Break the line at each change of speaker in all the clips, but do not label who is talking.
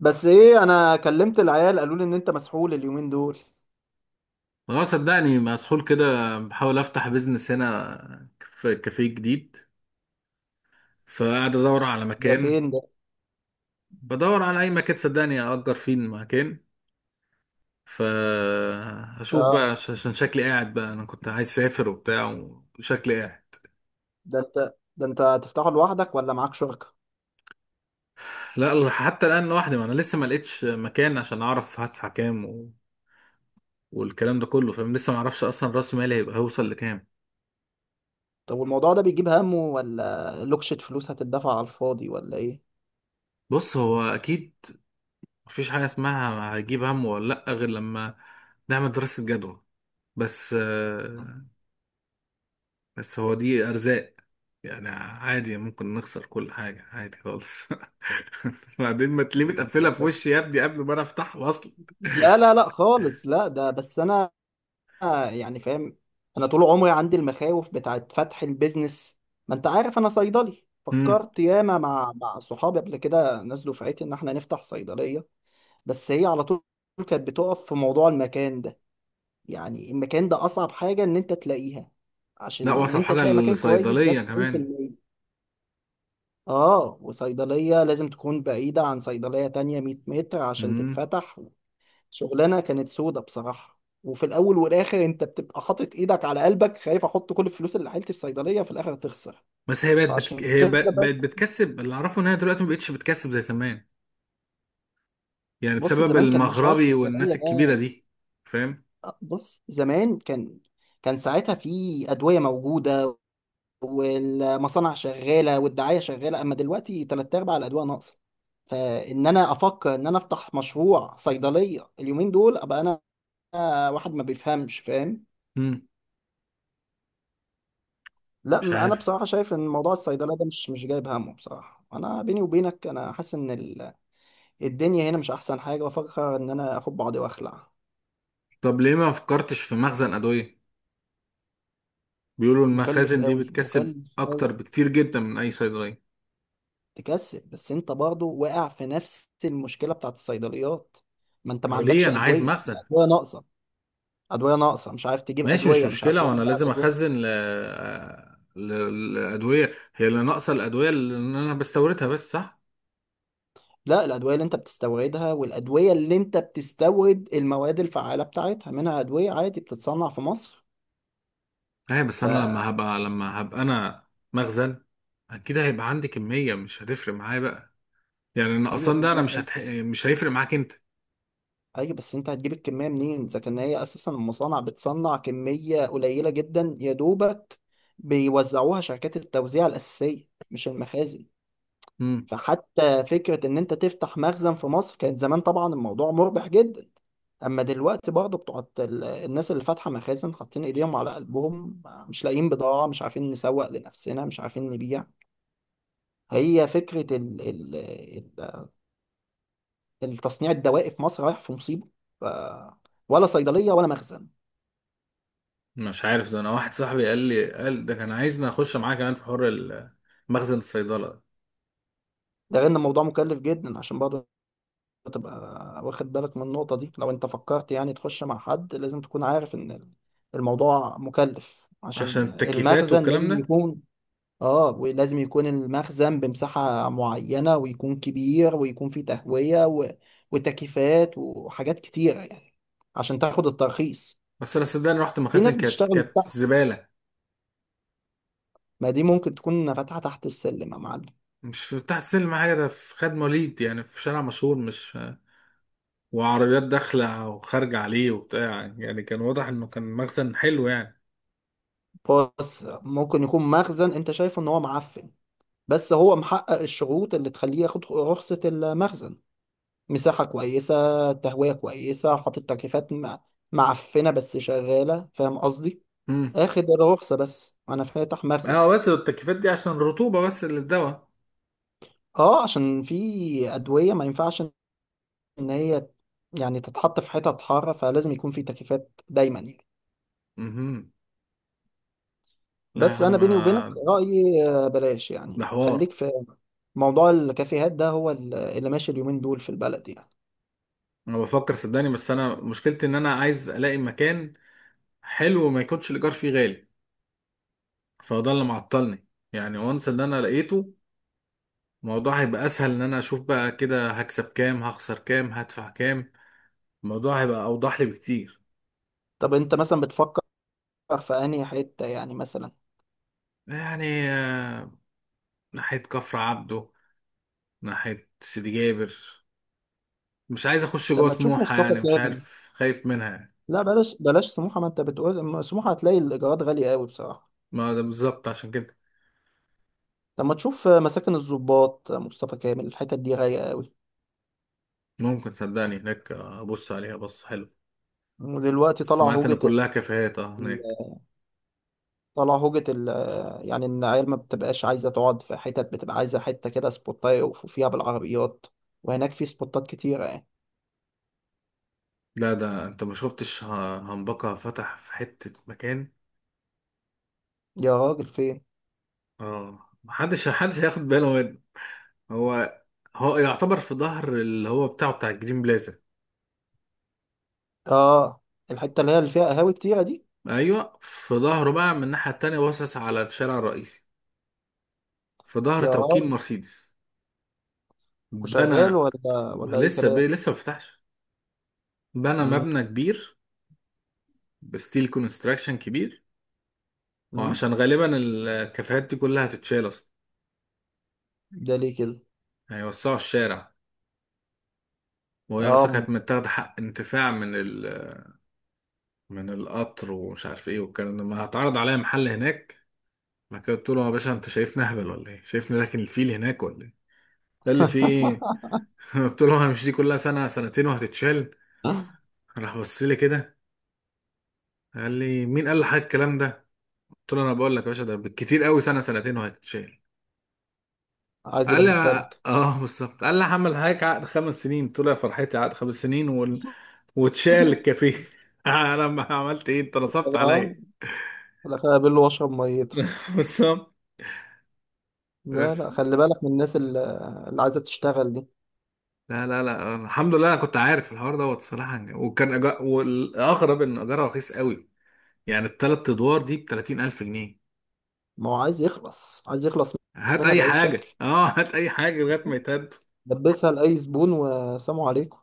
بس ايه، انا كلمت العيال قالوا لي ان انت مسحول اليومين دول.
ما هو صدقني مسحول كده. بحاول افتح بيزنس هنا، في كافيه جديد، فقاعد ادور على
ده
مكان.
فين ده؟
بدور على اي مكان صدقني، اجر فيه المكان. فهشوف بقى
اه.
عشان شكلي قاعد بقى. انا كنت عايز اسافر وبتاع، وشكلي قاعد.
ده انت هتفتحه لوحدك ولا معاك شركة؟
لا، حتى الان لوحدي، ما انا لسه ما لقيتش مكان عشان اعرف هدفع كام والكلام ده كله، فاهم؟ لسه ما اعرفش اصلا راس مالي هيبقى، هيوصل لكام.
طب والموضوع ده بيجيب همه ولا لوكشة فلوس هتدفع على الفاضي ولا ايه؟
بص، هو اكيد مفيش حاجه اسمها هجيب هم ولا لا غير لما نعمل دراسه جدوى. بس آه، بس هو دي أرزاق. يعني عادي، ممكن نخسر كل حاجة، عادي خالص. بعدين ما تلاقيه متقفلة في
للاسف.
وشي يا ابني قبل ما أنا أفتحه أصلا.
لا لا لا خالص، لا ده بس انا، يعني فاهم. انا طول عمري عندي المخاوف بتاعت فتح البيزنس. ما انت عارف انا صيدلي،
مم.
فكرت ياما مع صحابي قبل كده، ناس دفعتي، ان احنا نفتح صيدلية. بس هي على طول كانت بتقف في موضوع المكان ده. يعني المكان ده اصعب حاجه ان انت تلاقيها، عشان
لا،
ان
وصف
انت
حاجة
تلاقي مكان كويس ده
للصيدلية كمان.
90%. اه، وصيدليه لازم تكون بعيده عن صيدليه تانية 100 متر عشان
مم.
تتفتح. شغلانه كانت سودة بصراحه، وفي الاول والاخر انت بتبقى حاطط ايدك على قلبك، خايف احط كل الفلوس اللي حيلتي في صيدليه في الاخر تخسر.
بس هي
فعشان كده
بقت
بس.
بتكسب. اللي أعرفه إن هي دلوقتي ما بقتش بتكسب زي زمان. يعني
بص
بسبب
زمان كان مشروع
المغربي
الصيدليه
والناس الكبيرة
ده.
دي. فاهم؟
بص زمان كان. كان ساعتها في ادويه موجوده، والمصانع شغاله والدعايه شغاله، اما دلوقتي تلات ارباع الادويه ناقصه. فان انا افكر ان انا افتح مشروع صيدليه اليومين دول ابقى انا واحد ما بيفهمش، فاهم؟
مم.
لا،
مش
انا
عارف.
بصراحه شايف ان موضوع الصيدليه ده مش جايب همه. بصراحه انا بيني وبينك، انا حاسس ان الدنيا هنا مش احسن حاجه. بفكر ان انا اخد بعضي واخلع.
طب ليه ما فكرتش في مخزن أدوية؟ بيقولوا
مكلف
المخازن دي
قوي،
بتكسب
مكلف
أكتر
قوي.
بكتير جدا من أي صيدلية.
تكسب، بس انت برضه واقع في نفس المشكله بتاعت الصيدليات. ما انت ما
هو ليه
عندكش
انا عايز
ادويه،
مخزن؟
الادويه ناقصه. ادويه ناقصه، مش عارف تجيب
ماشي، مش
ادويه، مش عارف
مشكله.
توزع
وانا لازم
الادويه.
اخزن الادويه هي اللي ناقصه، الادويه اللي انا بستوردها بس، صح؟
لا، الادويه اللي انت بتستوردها، والادويه اللي انت بتستورد المواد الفعاله بتاعتها، منها ادويه عادي بتتصنع في مصر.
ايوه، بس انا لما
فايوه.
هبقى لما هبقى انا مخزن، اكيد هيبقى عندي كميه، مش هتفرق معايا بقى. يعني النقصان ده انا
كميه انت.
مش هيفرق معاك انت.
ايوه، بس انت هتجيب الكميه منين اذا كان هي اساسا المصانع بتصنع كميه قليله جدا يا دوبك، بيوزعوها شركات التوزيع الاساسيه مش المخازن.
امم
فحتى فكرة إن أنت تفتح مخزن في مصر كانت زمان طبعا الموضوع مربح جدا، أما دلوقتي برضه بتوع الناس اللي فاتحة مخازن حاطين إيديهم على قلبهم، مش لاقيين بضاعة، مش عارفين نسوق لنفسنا، مش عارفين نبيع. هي فكرة ال التصنيع الدوائي في مصر رايح في مصيبة. ف ولا صيدلية ولا مخزن.
مش عارف. ده انا واحد صاحبي قال لي ده كان عايزني اخش معاه كمان في حوار مخزن الصيدله.
ده غير إن الموضوع مكلف جدا، عشان برضه تبقى واخد بالك من النقطة دي. لو انت فكرت يعني تخش مع حد، لازم تكون عارف ان الموضوع مكلف،
عشان
عشان
التكييفات
المخزن
والكلام
لازم
ده.
يكون. اه، ولازم يكون المخزن بمساحة معينة، ويكون كبير، ويكون فيه تهوية وتكييفات وحاجات كتيرة يعني، عشان تاخد الترخيص.
بس انا صدقني رحت
في
مخازن،
ناس
كانت
بتشتغل من
كانت
تحت،
زباله.
ما دي ممكن تكون فاتحة تحت السلم يا معلم.
مش في تحت سلم حاجة، ده في خد مواليد، يعني في شارع مشهور، مش... وعربيات داخلة وخارجة عليه وبتاع. يعني كان واضح إنه كان مخزن حلو يعني.
بص، ممكن يكون مخزن انت شايفه ان هو معفن، بس هو محقق الشروط اللي تخليه ياخد رخصة المخزن، مساحة كويسة، تهوية كويسة، حاطط تكييفات، معفنة بس شغالة، فاهم قصدي؟
امم
اخد الرخصة، بس انا فاتح مخزن.
اه، بس التكييفات دي عشان الرطوبة بس، اللي الدواء.
اه عشان في ادوية ما ينفعش ان هي يعني تتحط في حتت حارة، فلازم يكون في تكييفات دايما يعني.
امم. لا يا
بس انا
عم.
بيني وبينك رأيي، بلاش
ده
يعني،
حوار.
خليك في موضوع الكافيهات ده، هو اللي ماشي اليومين دول في البلد يعني.
أنا بفكر صدقني، بس أنا مشكلتي إن أنا عايز ألاقي مكان حلو وما يكونش الإيجار فيه غالي. فهو ده اللي معطلني. يعني وانس إن أنا لقيته، الموضوع هيبقى أسهل. إن أنا أشوف بقى كده هكسب كام، هخسر كام، هدفع كام، الموضوع هيبقى أوضح لي بكتير.
طب انت مثلا بتفكر في انهي حتة يعني مثلا؟
يعني ناحية كفر عبده، ناحية سيدي جابر. مش عايز أخش
طب
جوه
ما تشوف
سموحة
مصطفى
يعني، مش
كامل.
عارف، خايف منها يعني.
لا، بلاش بلاش سموحة، ما انت بتقول، أما سموحة هتلاقي الإيجارات غالية قوي بصراحة.
ما ده بالظبط، عشان كده.
طب ما تشوف مساكن الضباط، مصطفى كامل، الحتت دي غالية قوي.
ممكن صدقني هناك أبص عليها، بص حلو.
ودلوقتي طلع
سمعت إن
هوجة.
كلها كافيهات أه هناك.
طلع هوجة ال يعني إن العيال ما بتبقاش عايزة تقعد في حتت، بتبقى عايزة حتة كده سبوتاية يقفوا فيها بالعربيات، وهناك في سبوتات كتيرة يعني.
لا، ده أنت ما شفتش هنبكة فتح في حتة مكان.
يا راجل فين؟
أه، محدش هياخد باله منه. هو هو يعتبر في ظهر اللي هو بتاعه، بتاع الجرين بلازا.
آه. الحتة اللي هي اللي فيها قهاوي كتيرة دي؟
أيوه، في ظهره بقى من الناحية التانية، باصص على الشارع الرئيسي، في ظهر
يا
توكيل
راجل.
مرسيدس.
وشغال
بنى.
ولا أي
لسه ب...
كلام؟
لسه ما فتحش. بنى
مم.
مبنى كبير. بستيل كونستراكشن كبير.
مم.
وعشان غالبا الكافيهات دي كلها هتتشال اصلا.
ده ليه كده؟
هيوسعوا الشارع. وهي اصلا
آه،
كانت متاخده حق انتفاع من القطر ومش عارف ايه والكلام ده. ما هتعرض عليا محل هناك. بعد كده قلت له: يا باشا، انت شايفني اهبل ولا ايه؟ شايفني راكن الفيل هناك ولا ايه؟ قال لي: في ايه؟ قلت له: هي مش دي كلها سنه سنتين وهتتشال؟ راح بص لي كده. قال لي: مين قال لحضرتك الكلام ده؟ قلت له: انا بقول لك يا باشا، ده بالكتير قوي سنه سنتين وهيتشال.
عايز
قال لي:
يلبسها لك.
اه، بالظبط. قال لي: هعمل حضرتك عقد خمس سنين. قلت له: يا فرحتي، عقد خمس سنين واتشال الكافيه. انا ما عملت ايه؟ انت نصبت
اه،
عليا.
في الاخر اقابله واشرب ميته.
بالظبط.
لا لا،
بس.
خلي بالك من الناس اللي عايزه تشتغل دي.
لا لا لا، الحمد لله انا كنت عارف الحوار دوت صراحه. وكان والاغرب ان اجارها رخيص قوي. يعني الثلاث ادوار دي ب 30000 جنيه.
ما هو عايز يخلص، عايز يخلص
هات
منها
اي
باي شكل،
حاجه، اه، هات اي حاجه لغايه ما يتهد.
لبسها لاي زبون وسلام عليكم.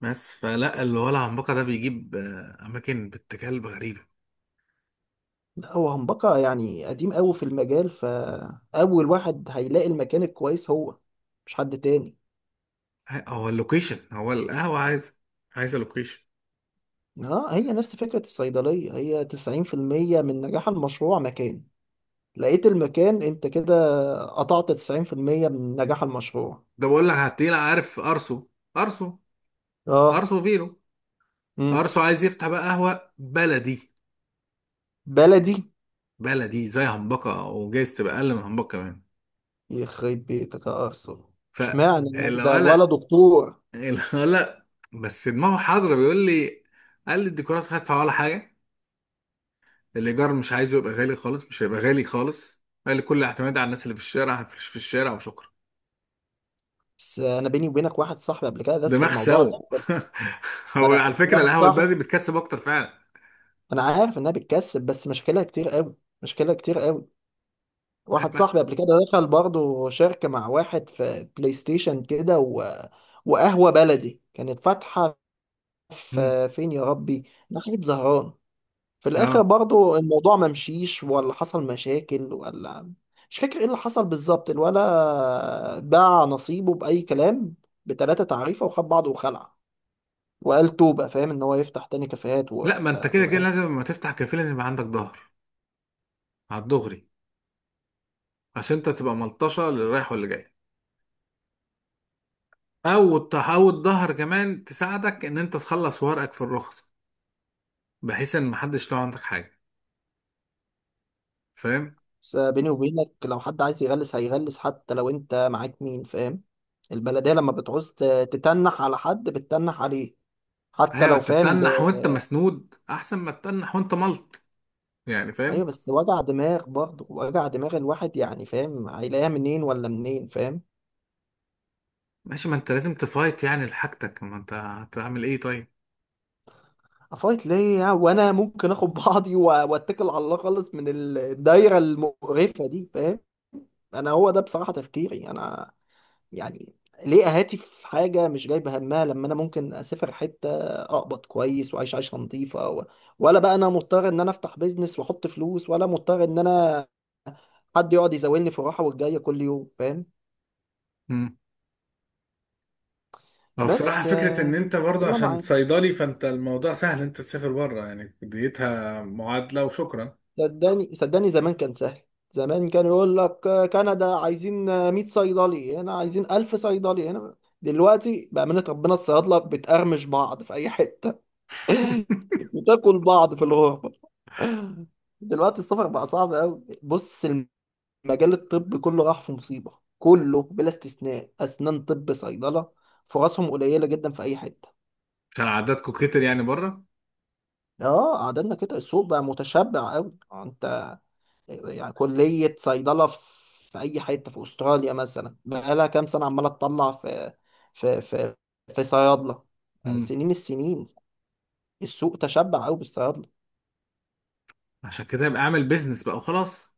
بس فلا الولع عنبقه ده بيجيب اماكن باتجاه غريبه.
لا، هو همبكه يعني قديم قوي في المجال، فاول واحد هيلاقي المكان الكويس هو، مش حد تاني.
هو اللوكيشن، هو القهوة عايزة، عايزة لوكيشن.
اه، هي نفس فكره الصيدليه، هي 90% من نجاح المشروع مكان. لقيت المكان انت كده قطعت 90% من نجاح المشروع.
ده بقول لك هتلاقينا، عارف أرسو
اه.
أرسو فيرو.
امم.
أرسو عايز يفتح بقى قهوة بلدي.
بلدي.
بلدي زي همبكة، وجايز تبقى أقل من همبكة كمان.
يخرب بيتك يا ارسنال. اشمعنى يعني ده الولد
فالولا
دكتور؟
الولا بس دماغه حاضرة. بيقول لي، قال لي: الديكورات مش هدفع ولا حاجة. الإيجار مش عايزه يبقى غالي خالص، مش هيبقى غالي خالص. قال لي: كل اعتماد على الناس اللي في الشارع، هنفرش في الشارع وشكرا.
بس انا بيني وبينك واحد صاحبي قبل كده داس في
دماغ
الموضوع ده.
سوا.
ما
هو
انا
على فكرة
واحد
القهوة البلدي
صاحبي،
بتكسب أكتر فعلا.
انا عارف انها بتكسب بس مشاكلها كتير قوي، مشاكلها كتير قوي. واحد صاحبي قبل كده دخل برضه شركه مع واحد في بلاي ستيشن كده وقهوه بلدي كانت فاتحه
مم.
في فين يا ربي، ناحيه زهران. في الاخر
اه.
برضو الموضوع ما مشيش، ولا حصل مشاكل، ولا مش فاكر ايه اللي حصل بالظبط، الولا باع نصيبه باي كلام، بتلاتة تعريفه، وخد بعضه وخلع، وقال توبة، فاهم، ان هو يفتح تاني كافيهات
لا،
و...
ما انت كده كده
و...
لازم لما تفتح كافيه لازم يبقى عندك ظهر على الدغري. عشان انت تبقى ملطشه للي رايح واللي جاي، او تحاول الظهر كمان تساعدك ان انت تخلص ورقك في الرخصه، بحيث ان محدش لو عندك حاجه، فاهم؟
بس بيني وبينك لو حد عايز يغلس هيغلس، حتى لو انت معاك مين، فاهم. البلدية لما بتعوز تتنح على حد بتتنح عليه، حتى
هي
لو فاهم.
تتنح وانت مسنود احسن ما تتنح وانت ملط، يعني
ايوه،
فاهم.
بس وجع دماغ برضه، وجع دماغ الواحد يعني، فاهم، هيلاقيها منين ولا منين، فاهم.
ماشي، ما انت لازم تفايت يعني لحاجتك، ما انت هتعمل ايه طيب؟
افايت ليه وانا ممكن اخد بعضي واتكل على الله خالص من الدايره المقرفه دي، فاهم. انا هو ده بصراحه تفكيري انا، يعني ليه اهاتي في حاجه مش جايبه همها، لما انا ممكن اسافر حته اقبض كويس واعيش عيشه نظيفه ولا بقى انا مضطر ان انا افتح بيزنس واحط فلوس، ولا مضطر ان انا حد يقعد يزاولني في الراحه والجايه كل يوم، فاهم.
مم. اه، بصراحة
بس
فكرة إن أنت برضه
والله
عشان
معاك.
صيدلي فأنت الموضوع سهل أنت تسافر بره، يعني ديتها معادلة وشكرا.
صدقني صدقني زمان كان سهل. زمان كان يقول لك كندا عايزين، 100 صيدلي هنا، عايزين 1000 صيدلي هنا. دلوقتي بأمانة ربنا الصيادلة بتقرمش بعض في أي حتة، وتاكل بعض في الغربة. دلوقتي السفر بقى صعب أوي. بص، المجال الطبي كله راح في مصيبة، كله بلا استثناء، أسنان، طب، صيدلة، فرصهم قليلة جدا في أي حتة.
عشان عددكم كتر يعني بره.
اه قعدنا كده السوق بقى متشبع أوي، انت يعني كلية صيدلة في أي حتة في أستراليا مثلا بقالها كام سنة عمالة تطلع في في في صيادلة
امم.
السنين، السوق تشبع أوي بالصيادلة.
عشان كده يبقى اعمل بيزنس بقى وخلاص.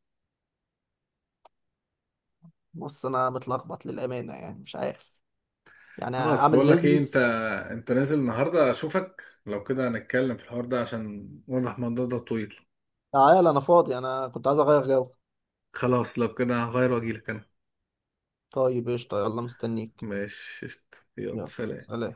بص أنا متلخبط للأمانة يعني، مش عارف يعني
خلاص
أعمل
بقول لك ايه، انت
بيزنس.
انت نازل النهارده، اشوفك لو كده هنتكلم في الحوار ده عشان واضح الموضوع ده طويل.
تعال أنا فاضي، أنا كنت عايز أغير جو.
خلاص، لو كده هغير واجيلك انا.
طيب قشطة، يلا مستنيك.
ماشي قشطة. يلا
يلا،
سلام.
سلام.